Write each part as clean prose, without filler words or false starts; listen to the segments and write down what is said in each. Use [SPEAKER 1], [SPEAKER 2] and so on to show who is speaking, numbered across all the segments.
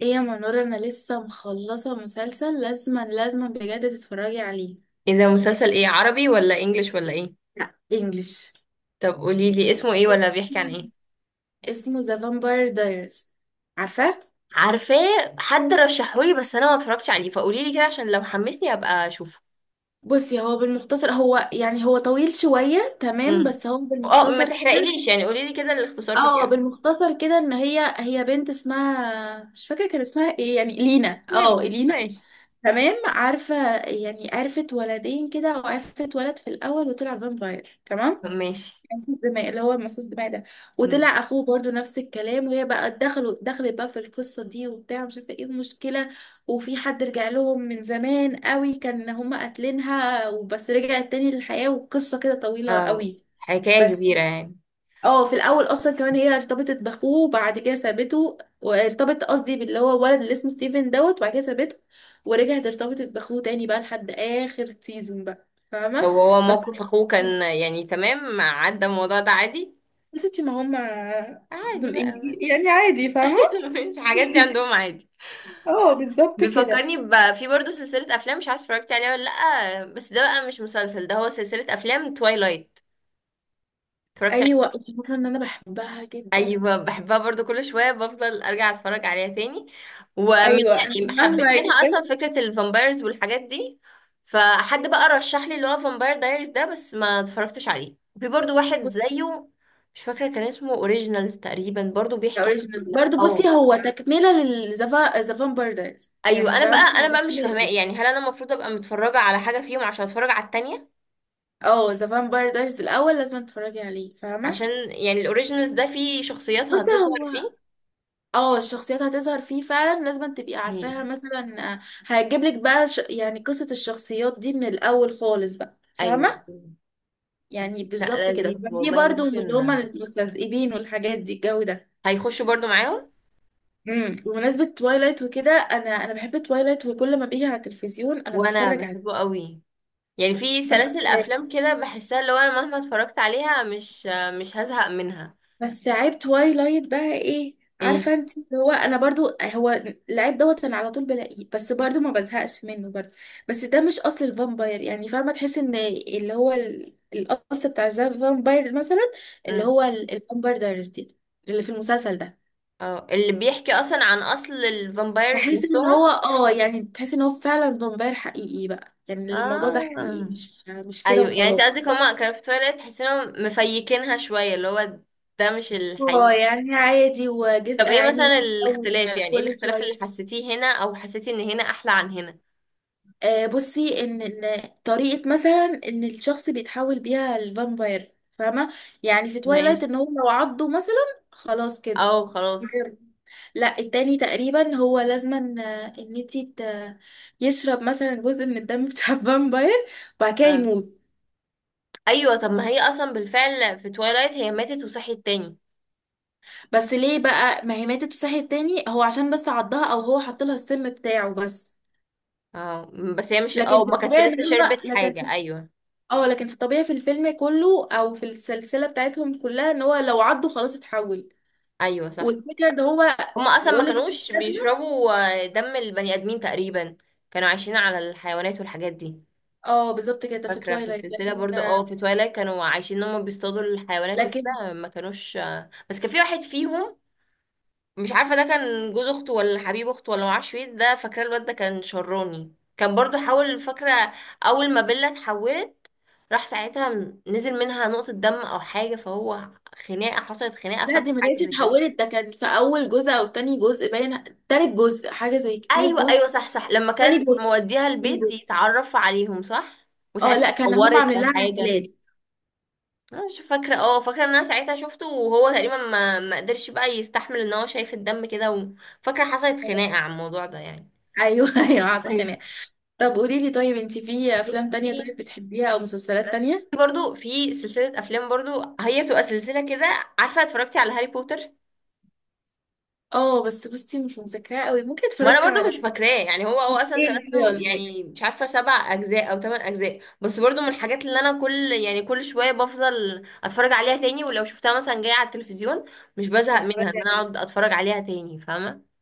[SPEAKER 1] ايه يا منور، انا لسه مخلصه مسلسل، لازما لازما بجد تتفرجي عليه.
[SPEAKER 2] ايه ده؟ مسلسل ايه، عربي ولا انجليش ولا ايه؟
[SPEAKER 1] لا، انجلش.
[SPEAKER 2] طب قولي لي اسمه ايه، ولا بيحكي عن ايه؟
[SPEAKER 1] اسمه ذا فامباير دايرز. عارفاه.
[SPEAKER 2] عارفاه. حد رشحولي بس انا ما اتفرجتش عليه، فقولي لي كده عشان لو حمسني ابقى اشوفه.
[SPEAKER 1] بصي، هو بالمختصر هو يعني هو طويل شويه، تمام؟
[SPEAKER 2] امم.
[SPEAKER 1] بس هو
[SPEAKER 2] اه، ما
[SPEAKER 1] بالمختصر كده.
[SPEAKER 2] تحرقليش، يعني قولي لي كده الاختصار
[SPEAKER 1] اه،
[SPEAKER 2] بتاعه.
[SPEAKER 1] بالمختصر كده ان هي بنت اسمها مش فاكره، كان اسمها ايه يعني، لينا، اه
[SPEAKER 2] المهم
[SPEAKER 1] لينا.
[SPEAKER 2] ماشي.
[SPEAKER 1] تمام، عارفه. يعني عرفت ولدين كده، وعرفت ولد في الاول وطلع فامباير، تمام؟
[SPEAKER 2] ماشي.
[SPEAKER 1] مصاص دماء، اللي هو مصاص دماء ده.
[SPEAKER 2] امم.
[SPEAKER 1] وطلع اخوه برضو نفس الكلام، وهي بقى دخلت بقى في القصه دي وبتاع، مش عارفه ايه المشكله. وفي حد رجع لهم من زمان قوي كان هما قاتلينها، وبس رجعت تاني للحياه، والقصه كده طويله
[SPEAKER 2] اه.
[SPEAKER 1] قوي.
[SPEAKER 2] حكاية
[SPEAKER 1] بس.
[SPEAKER 2] كبيرة يعني.
[SPEAKER 1] اه، في الاول اصلا كمان هي ارتبطت باخوه وبعد كده سابته، وارتبطت قصدي باللي هو الولد اللي اسمه ستيفن دوت، وبعد كده سابته ورجعت ارتبطت باخوه تاني بقى لحد اخر سيزون بقى،
[SPEAKER 2] لو
[SPEAKER 1] فاهمه؟
[SPEAKER 2] هو
[SPEAKER 1] بس
[SPEAKER 2] موقف اخوه كان يعني تمام، عدى الموضوع ده عادي.
[SPEAKER 1] يا ستي، ما هم
[SPEAKER 2] عادي
[SPEAKER 1] دول انجليزي
[SPEAKER 2] بقى
[SPEAKER 1] يعني عادي، فاهمة؟
[SPEAKER 2] مش الحاجات دي عندهم عادي؟
[SPEAKER 1] اه بالظبط كده.
[SPEAKER 2] بيفكرني في برضه سلسلة أفلام مش عارفة اتفرجت عليها ولا لأ، بس ده بقى مش مسلسل، ده هو سلسلة أفلام، توايلايت. اتفرجت عليها.
[SPEAKER 1] ايوه، الفكرة ان انا بحبها جدا.
[SPEAKER 2] أيوة، بحبها برضه، كل شوية بفضل أرجع أتفرج عليها تاني. ومن،
[SPEAKER 1] ايوه، انا
[SPEAKER 2] يعني حبيت
[SPEAKER 1] مهما
[SPEAKER 2] منها أصلا
[SPEAKER 1] جت.
[SPEAKER 2] فكرة الفامبايرز والحاجات دي. فحد بقى رشح لي اللي هو فامباير دايريز ده، بس ما اتفرجتش عليه. في برضه واحد
[SPEAKER 1] بصي.
[SPEAKER 2] زيه مش فاكرة كان اسمه اوريجينالز تقريبا، برضه بيحكي
[SPEAKER 1] اوريجينالز
[SPEAKER 2] عن
[SPEAKER 1] برضه، بصي، هو تكملة للزفا زفان باردرز، يعني
[SPEAKER 2] ايوه. انا
[SPEAKER 1] فاهمة
[SPEAKER 2] بقى انا
[SPEAKER 1] هو
[SPEAKER 2] بقى مش
[SPEAKER 1] تكملة
[SPEAKER 2] فاهماه
[SPEAKER 1] ليه.
[SPEAKER 2] يعني، هل انا المفروض ابقى متفرجه على حاجه فيهم عشان اتفرج على التانية؟
[SPEAKER 1] اه، زفان باردرز الاول لازم تتفرجي عليه، فاهمة؟
[SPEAKER 2] عشان يعني الاوريجينالز ده فيه شخصيات
[SPEAKER 1] بصي
[SPEAKER 2] هتظهر
[SPEAKER 1] هو،
[SPEAKER 2] فيه.
[SPEAKER 1] اه الشخصيات هتظهر فيه فعلا، لازم تبقي
[SPEAKER 2] ايوه.
[SPEAKER 1] عارفاها مثلا. هتجيب لك بقى يعني قصة الشخصيات دي من الاول خالص بقى،
[SPEAKER 2] ايوه.
[SPEAKER 1] فاهمة؟ يعني بالظبط
[SPEAKER 2] لا،
[SPEAKER 1] كده.
[SPEAKER 2] لذيذ
[SPEAKER 1] وكان في
[SPEAKER 2] والله،
[SPEAKER 1] برضه اللي
[SPEAKER 2] ممكن.
[SPEAKER 1] هما المستذئبين والحاجات دي، الجو ده.
[SPEAKER 2] هيخشوا برضو معاهم.
[SPEAKER 1] بمناسبة توايلايت وكده، انا بحب توايلايت، وكل ما بيجي على التلفزيون انا
[SPEAKER 2] وانا
[SPEAKER 1] بتفرج عليه.
[SPEAKER 2] بحبه قوي. يعني في
[SPEAKER 1] بس.
[SPEAKER 2] سلاسل افلام كده بحسها اللي هو انا مهما اتفرجت عليها، مش، مش هزهق منها.
[SPEAKER 1] بس عيب توايلايت بقى ايه
[SPEAKER 2] ايه.
[SPEAKER 1] عارفة انت، اللي هو انا برضو هو العيب دوت انا على طول بلاقيه، بس برضو ما بزهقش منه برضو. بس ده مش اصل الفامباير يعني، فاهمة؟ تحس ان اللي هو الاصل بتاع الفامباير، مثلا اللي
[SPEAKER 2] امم.
[SPEAKER 1] هو الفامباير دايرز دي، اللي في المسلسل ده.
[SPEAKER 2] اه، اللي بيحكي اصلا عن اصل الفامبايرز
[SPEAKER 1] بحس ان
[SPEAKER 2] نفسهم.
[SPEAKER 1] هو اه يعني تحس ان هو فعلا فامباير حقيقي بقى، يعني الموضوع ده حقيقي،
[SPEAKER 2] اه.
[SPEAKER 1] مش كده
[SPEAKER 2] ايوه، يعني انت قصدك
[SPEAKER 1] وخلاص.
[SPEAKER 2] هما كانوا في تويلايت تحس انهم مفيكينها شويه، اللي هو ده مش
[SPEAKER 1] اه
[SPEAKER 2] الحقيقي.
[SPEAKER 1] يعني عادي،
[SPEAKER 2] طب
[SPEAKER 1] وجزء
[SPEAKER 2] ايه
[SPEAKER 1] عيني
[SPEAKER 2] مثلا
[SPEAKER 1] بيتكون
[SPEAKER 2] الاختلاف، يعني ايه
[SPEAKER 1] كل
[SPEAKER 2] الاختلاف اللي
[SPEAKER 1] شوية.
[SPEAKER 2] حسيتيه هنا، او حسيتي ان هنا احلى عن هنا؟
[SPEAKER 1] آه بصي، ان طريقة مثلا ان الشخص بيتحول بيها الفامباير، فاهمة؟ يعني في توايلايت،
[SPEAKER 2] ماشي.
[SPEAKER 1] ان هو لو عضه مثلا خلاص كده.
[SPEAKER 2] او خلاص.
[SPEAKER 1] بجد. لا، التاني تقريبا هو لازما آه، ان انتي ت- يشرب مثلا جزء من الدم بتاع الفامباير، وبعد كده
[SPEAKER 2] آه.
[SPEAKER 1] يموت.
[SPEAKER 2] ايوه، طب ما هي اصلا بالفعل في توايلايت هي ماتت وصحيت تاني.
[SPEAKER 1] بس ليه بقى؟ ما هي ماتت وصحيت تاني، هو عشان بس عضها او هو حط لها السم بتاعه بس.
[SPEAKER 2] اه. بس هي مش،
[SPEAKER 1] لكن
[SPEAKER 2] او
[SPEAKER 1] في
[SPEAKER 2] ما كانتش
[SPEAKER 1] الطبيعي
[SPEAKER 2] لسه
[SPEAKER 1] ان هما
[SPEAKER 2] شربت حاجة، ايوه.
[SPEAKER 1] اه، لكن في الطبيعي في الفيلم كله او في السلسله بتاعتهم كلها، ان هو لو عضه خلاص اتحول.
[SPEAKER 2] ايوه، صح.
[SPEAKER 1] والفكره ان هو
[SPEAKER 2] هما اصلا
[SPEAKER 1] يقول
[SPEAKER 2] ما
[SPEAKER 1] لك
[SPEAKER 2] كانوش
[SPEAKER 1] لازمه.
[SPEAKER 2] بيشربوا آه، دم البني ادمين تقريبا، كانوا عايشين على الحيوانات والحاجات دي.
[SPEAKER 1] اه بالظبط كده في
[SPEAKER 2] فاكرة في
[SPEAKER 1] تويلايت.
[SPEAKER 2] السلسلة
[SPEAKER 1] لكن
[SPEAKER 2] برضو اه في توايلايت كانوا عايشين ان هما بيصطادوا الحيوانات
[SPEAKER 1] لكن
[SPEAKER 2] وكده، ما كانوش آه، بس كان في واحد فيهم مش عارفه ده كان جوز اخته ولا حبيب اخته ولا معرفش ايه، ده فاكره الواد ده كان شراني، كان برضو حاول، فاكره اول ما بيلا اتحولت، راح ساعتها نزل منها نقطه دم او حاجه، فهو خناقه، حصلت خناقه،
[SPEAKER 1] لا، دي
[SPEAKER 2] فاكره
[SPEAKER 1] ما
[SPEAKER 2] حاجه
[SPEAKER 1] كانتش
[SPEAKER 2] زي كده.
[SPEAKER 1] اتحولت، ده كان في اول جزء او تاني جزء، باين تالت جزء حاجه زي كده. تالت
[SPEAKER 2] ايوه،
[SPEAKER 1] جزء.
[SPEAKER 2] ايوه، صح، صح، لما كان
[SPEAKER 1] تاني جزء.
[SPEAKER 2] موديها
[SPEAKER 1] تاني
[SPEAKER 2] البيت
[SPEAKER 1] جزء.
[SPEAKER 2] يتعرف عليهم، صح.
[SPEAKER 1] اه
[SPEAKER 2] وساعتها
[SPEAKER 1] لا، كان هم
[SPEAKER 2] اتعورت
[SPEAKER 1] عاملين
[SPEAKER 2] او
[SPEAKER 1] لها
[SPEAKER 2] حاجه.
[SPEAKER 1] عمليات.
[SPEAKER 2] انا مش فاكره. اه، فاكره ان انا ساعتها شفته وهو تقريبا ما قدرش بقى يستحمل ان هو شايف الدم كده، وفاكره حصلت
[SPEAKER 1] اه.
[SPEAKER 2] خناقه على الموضوع ده يعني.
[SPEAKER 1] ايوه ايوه عارفه.
[SPEAKER 2] ايوه.
[SPEAKER 1] طب قولي لي، طيب انت في افلام
[SPEAKER 2] بصي،
[SPEAKER 1] تانية طيب بتحبيها، او مسلسلات تانية؟
[SPEAKER 2] برضو في سلسلة أفلام، برضو هي بتبقى سلسلة كده. عارفة اتفرجتي على هاري بوتر؟
[SPEAKER 1] اه بس بصي مش مذاكراها قوي، ممكن
[SPEAKER 2] ما أنا
[SPEAKER 1] اتفرجت
[SPEAKER 2] برضو
[SPEAKER 1] على
[SPEAKER 2] مش فاكراه يعني، هو هو أصلا
[SPEAKER 1] ايه كده
[SPEAKER 2] سلسله
[SPEAKER 1] ولا حاجة.
[SPEAKER 2] يعني مش عارفة سبع أجزاء أو تمن أجزاء، بس برضو من الحاجات اللي أنا كل، يعني كل شوية بفضل أتفرج عليها تاني، ولو شفتها مثلا جاية على التلفزيون مش بزهق
[SPEAKER 1] اتفرجت
[SPEAKER 2] منها، إن
[SPEAKER 1] على
[SPEAKER 2] أنا
[SPEAKER 1] ايه؟
[SPEAKER 2] أقعد أتفرج عليها تاني، فاهمة.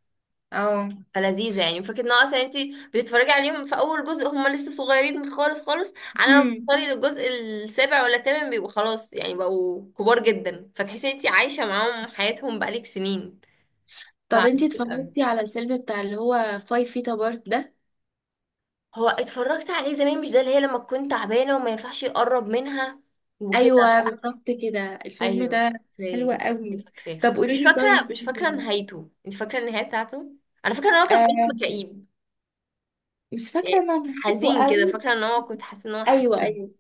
[SPEAKER 1] اه.
[SPEAKER 2] فلذيذة يعني فكرة ان هو اصلا انت بتتفرجي عليهم في اول جزء هم لسه صغيرين خالص خالص، على ما
[SPEAKER 1] مم.
[SPEAKER 2] بتوصلي للجزء السابع ولا الثامن بيبقوا خلاص، يعني بقوا كبار جدا، فتحسي ان انت عايشة معاهم حياتهم بقالك سنين.
[SPEAKER 1] طب انت
[SPEAKER 2] فعسول أوي.
[SPEAKER 1] اتفرجتي على الفيلم بتاع اللي هو فايف فيتا بارت ده؟
[SPEAKER 2] هو اتفرجت عليه زمان، مش ده اللي هي لما كنت تعبانة وما ينفعش يقرب منها وكده؟
[SPEAKER 1] ايوه
[SPEAKER 2] صح؟
[SPEAKER 1] بالظبط كده. الفيلم
[SPEAKER 2] ايوه،
[SPEAKER 1] ده حلو
[SPEAKER 2] فاكراه.
[SPEAKER 1] قوي.
[SPEAKER 2] فاكراه
[SPEAKER 1] طب
[SPEAKER 2] بس
[SPEAKER 1] قولي
[SPEAKER 2] مش
[SPEAKER 1] لي
[SPEAKER 2] فاكرة،
[SPEAKER 1] طيب.
[SPEAKER 2] مش فاكرة نهايته، انت فاكرة النهاية بتاعته؟ انا فاكرة ان هو كان
[SPEAKER 1] آه،
[SPEAKER 2] فيلم كئيب
[SPEAKER 1] مش فاكرة
[SPEAKER 2] يعني،
[SPEAKER 1] انا نهايته
[SPEAKER 2] حزين كده،
[SPEAKER 1] قوي.
[SPEAKER 2] فاكرة ان هو كنت حاسة ان هو
[SPEAKER 1] ايوه
[SPEAKER 2] حزين.
[SPEAKER 1] ايوه.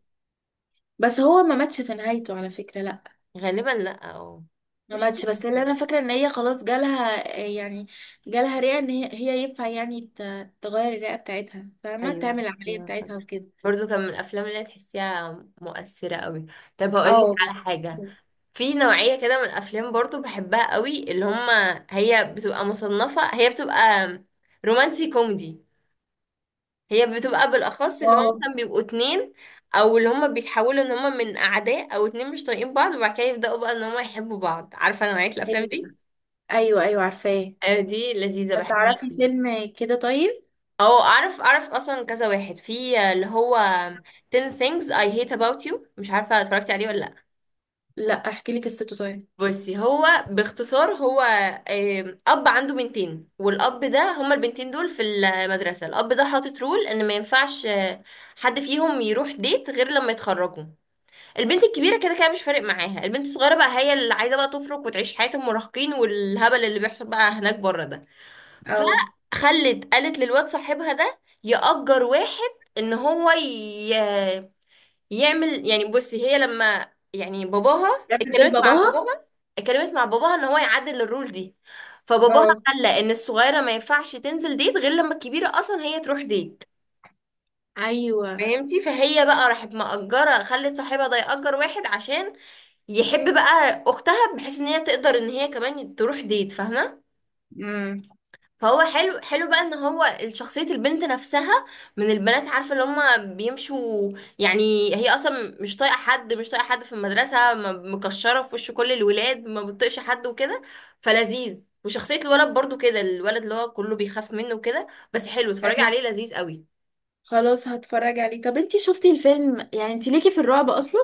[SPEAKER 1] بس هو ما ماتش في نهايته على فكرة، لا.
[SPEAKER 2] غالبا لا، اه.
[SPEAKER 1] ما
[SPEAKER 2] مش
[SPEAKER 1] ماتش، بس اللي
[SPEAKER 2] فاكرة.
[SPEAKER 1] انا فاكره ان هي خلاص جالها يعني، جالها رئه، ان هي ينفع يعني تغير الرئه بتاعتها، فما
[SPEAKER 2] ايوه،
[SPEAKER 1] تعمل العمليه
[SPEAKER 2] ايوه،
[SPEAKER 1] بتاعتها
[SPEAKER 2] فاكرة.
[SPEAKER 1] وكده.
[SPEAKER 2] برضو كان من الافلام اللي تحسيها مؤثرة قوي. طب هقول لك
[SPEAKER 1] اه.
[SPEAKER 2] على حاجة، في نوعية كده من الافلام برضو بحبها قوي، اللي هما هي بتبقى مصنفة، هي بتبقى رومانسي كوميدي، هي بتبقى بالاخص اللي هما
[SPEAKER 1] واو.
[SPEAKER 2] مثلا بيبقوا اتنين، او اللي هما بيتحولوا ان هما من اعداء، او اتنين مش طايقين بعض وبعد كده يبداوا بقى ان هما يحبوا بعض، عارفة نوعية الافلام دي.
[SPEAKER 1] ايوه ايوه عارفاه.
[SPEAKER 2] آه، دي لذيذة بحبها.
[SPEAKER 1] تعرفي فيلم كده طيب؟
[SPEAKER 2] او اعرف اصلا كذا واحد في اللي هو 10 things I hate about you، مش عارفه اتفرجتي عليه ولا لا.
[SPEAKER 1] لا، احكي لك قصته طيب.
[SPEAKER 2] بصي، هو باختصار هو آم، اب عنده بنتين، والاب ده هما البنتين دول في المدرسه، الاب ده حاطط رول ان ما ينفعش آه، حد فيهم يروح ديت غير لما يتخرجوا. البنت الكبيره كده كده مش فارق معاها، البنت الصغيره بقى هي اللي عايزه بقى تفرق وتعيش حياه المراهقين والهبل اللي بيحصل بقى هناك بره ده،
[SPEAKER 1] او
[SPEAKER 2] فخلت قالت للواد صاحبها ده يأجر واحد ان هو يعمل، يعني بصي هي لما، يعني باباها،
[SPEAKER 1] بتعمل دور
[SPEAKER 2] اتكلمت مع
[SPEAKER 1] باباها.
[SPEAKER 2] باباها اتكلمت مع باباها ان هو يعدل الرول دي. فباباها
[SPEAKER 1] اه.
[SPEAKER 2] خلى ان الصغيره ما ينفعش تنزل ديت غير لما الكبيره اصلا هي تروح ديت.
[SPEAKER 1] ايوه.
[SPEAKER 2] فهمتي؟ فهي بقى راحت مأجرة، خلت صاحبها ده يأجر واحد عشان يحب بقى أختها بحيث إن هي تقدر إن هي كمان تروح ديت، فاهمة.
[SPEAKER 1] امم.
[SPEAKER 2] فهو حلو، حلو بقى ان هو شخصية البنت نفسها، من البنات عارفة اللي هما بيمشوا، يعني هي اصلا مش طايقة حد، مش طايقة حد في المدرسة، مكشرة في وش كل الولاد، ما بتطيقش حد وكده، فلذيذ. وشخصية الولد برضو كده، الولد اللي هو كله بيخاف منه وكده، بس حلو، اتفرجي
[SPEAKER 1] ايوه.
[SPEAKER 2] عليه، لذيذ قوي.
[SPEAKER 1] خلاص هتفرج عليه. طب انتي شفتي الفيلم؟ يعني انتي ليكي في الرعب اصلا؟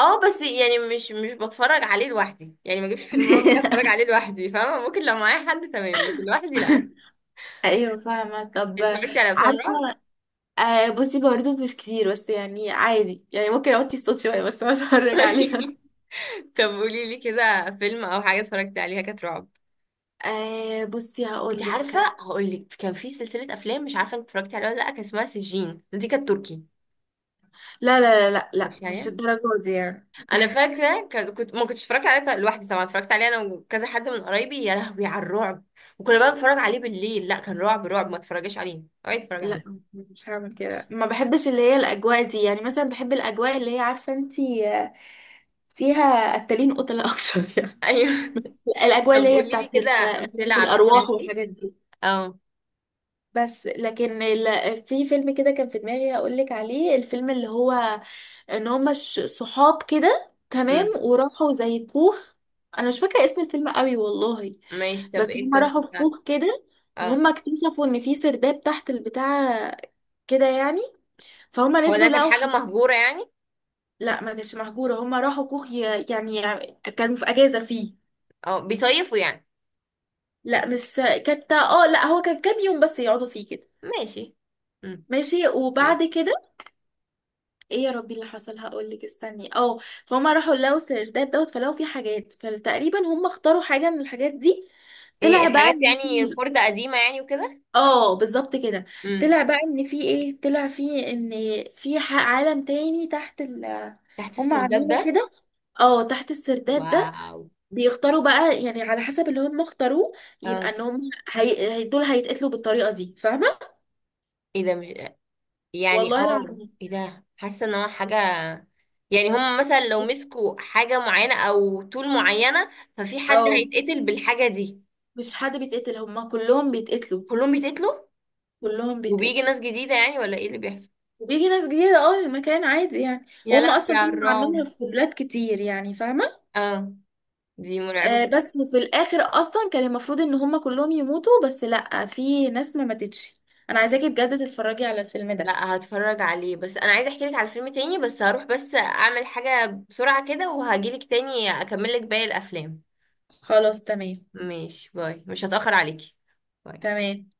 [SPEAKER 2] اه بس يعني مش، مش بتفرج عليه لوحدي يعني، ما اجيبش فيلم رعب كده اتفرج عليه لوحدي، فاهمة، ممكن لو معايا حد تمام، لكن لوحدي لا.
[SPEAKER 1] ايوه فاهمه. طب
[SPEAKER 2] اتفرجتي على افلام
[SPEAKER 1] عارفه،
[SPEAKER 2] رعب؟
[SPEAKER 1] آه بصي برضه مش كتير، بس يعني عادي، يعني ممكن اوطي الصوت شويه بس أنا اتفرج عليها.
[SPEAKER 2] طب قولي لي كده فيلم او حاجه اتفرجتي عليها كانت رعب.
[SPEAKER 1] آه بصي
[SPEAKER 2] انت
[SPEAKER 1] هقول
[SPEAKER 2] عارفه،
[SPEAKER 1] لك.
[SPEAKER 2] هقول لك كان في سلسله افلام مش عارفه انت اتفرجتي عليها ولا لا، كان اسمها سجين، دي كانت تركي.
[SPEAKER 1] لا لا لا لا لا،
[SPEAKER 2] اتفرجتي
[SPEAKER 1] مش
[SPEAKER 2] عليها؟
[SPEAKER 1] الدرجه دي يعني.
[SPEAKER 2] انا فاكره كنت، ما كنتش اتفرجت عليها لوحدي طبعا، اتفرجت عليها انا وكذا حد من قرايبي، يا لهوي على الرعب. وكنا بقى بنتفرج عليه بالليل، لا كان رعب رعب، ما تتفرجيش عليه، اوعي تتفرجي
[SPEAKER 1] لا
[SPEAKER 2] عليه.
[SPEAKER 1] مش هعمل كده، ما بحبش اللي هي الاجواء دي. يعني مثلا بحب الاجواء اللي هي عارفه انتي، آه، فيها قتالين قتلة اكتر
[SPEAKER 2] ايوه
[SPEAKER 1] يعني الاجواء
[SPEAKER 2] طب
[SPEAKER 1] اللي هي
[SPEAKER 2] قولي لي
[SPEAKER 1] بتاعت
[SPEAKER 2] كده امثله على الافلام
[SPEAKER 1] الارواح
[SPEAKER 2] دي.
[SPEAKER 1] والحاجات دي.
[SPEAKER 2] اه.
[SPEAKER 1] بس لكن في فيلم كده كان في دماغي هقول لك عليه، الفيلم اللي هو ان هما صحاب كده تمام،
[SPEAKER 2] امم.
[SPEAKER 1] وراحوا زي كوخ. انا مش فاكره اسم الفيلم قوي والله.
[SPEAKER 2] ماشي، طب
[SPEAKER 1] بس
[SPEAKER 2] ايه
[SPEAKER 1] هما
[SPEAKER 2] القصه
[SPEAKER 1] راحوا في
[SPEAKER 2] بتاعته؟
[SPEAKER 1] كوخ كده،
[SPEAKER 2] اه،
[SPEAKER 1] وهما اكتشفوا ان في سرداب تحت البتاع كده يعني. فهما
[SPEAKER 2] هو ده
[SPEAKER 1] نزلوا
[SPEAKER 2] كان
[SPEAKER 1] لقوا
[SPEAKER 2] حاجه مهجوره يعني؟
[SPEAKER 1] لا ما كانتش مهجوره، هما راحوا كوخ يعني كانوا في اجازه فيه.
[SPEAKER 2] اه، بيصيفوا يعني؟
[SPEAKER 1] لا مش كانت، اه لا هو كان كام يوم بس يقعدوا فيه كده.
[SPEAKER 2] ماشي. امم.
[SPEAKER 1] ماشي،
[SPEAKER 2] ماشي.
[SPEAKER 1] وبعد كده، ايه يا ربي اللي حصل، هقولك استني اه. فهم راحوا لقوا السرداب دوت، فلقوا فيه حاجات، فتقريبا هم اختاروا حاجة من الحاجات دي.
[SPEAKER 2] ايه
[SPEAKER 1] طلع بقى
[SPEAKER 2] حاجات،
[SPEAKER 1] ان في،
[SPEAKER 2] يعني خردة قديمة يعني وكده؟
[SPEAKER 1] اه بالظبط كده.
[SPEAKER 2] امم.
[SPEAKER 1] طلع بقى ان في ايه، طلع في ان في عالم تاني تحت ال،
[SPEAKER 2] تحت
[SPEAKER 1] هم
[SPEAKER 2] السرداب
[SPEAKER 1] عاملينه
[SPEAKER 2] ده؟
[SPEAKER 1] كده، اه تحت السرداب ده.
[SPEAKER 2] واو.
[SPEAKER 1] بيختاروا بقى يعني على حسب اللي هم اختاروه، يبقى
[SPEAKER 2] اه.
[SPEAKER 1] ان هم دول هيتقتلوا بالطريقة دي، فاهمة؟
[SPEAKER 2] ايه ده؟ مش، يعني
[SPEAKER 1] والله
[SPEAKER 2] اه،
[SPEAKER 1] العظيم.
[SPEAKER 2] ايه ده، حاسة ان هو حاجة، يعني هم مثلا لو مسكوا حاجة معينة او طول معينة ففي حد
[SPEAKER 1] اه
[SPEAKER 2] هيتقتل بالحاجة دي؟
[SPEAKER 1] مش حد بيتقتل، هم كلهم بيتقتلوا.
[SPEAKER 2] كلهم بيتقتلوا؟
[SPEAKER 1] كلهم
[SPEAKER 2] وبيجي
[SPEAKER 1] بيتقتلوا.
[SPEAKER 2] ناس جديدة يعني ولا ايه اللي بيحصل؟
[SPEAKER 1] وبيجي ناس جديدة، اه المكان عادي يعني.
[SPEAKER 2] يا
[SPEAKER 1] وهم
[SPEAKER 2] لهوي
[SPEAKER 1] اصلا
[SPEAKER 2] على
[SPEAKER 1] طلعوا عاملينها
[SPEAKER 2] الرعب.
[SPEAKER 1] في بلاد كتير يعني، فاهمة؟
[SPEAKER 2] اه، دي مرعبة.
[SPEAKER 1] آه بس في الاخر اصلا كان المفروض ان هم كلهم يموتوا، بس لا، في ناس ما ماتتش. انا عايزاكي بجد تتفرجي على الفيلم ده.
[SPEAKER 2] لا، هتفرج عليه، بس انا عايزه احكي لك على فيلم تاني، بس هروح بس اعمل حاجة بسرعة كده وهجيلك تاني اكمل لك باقي الافلام.
[SPEAKER 1] خلاص تمام.
[SPEAKER 2] ماشي، باي، مش هتأخر عليكي. باي.
[SPEAKER 1] تمام.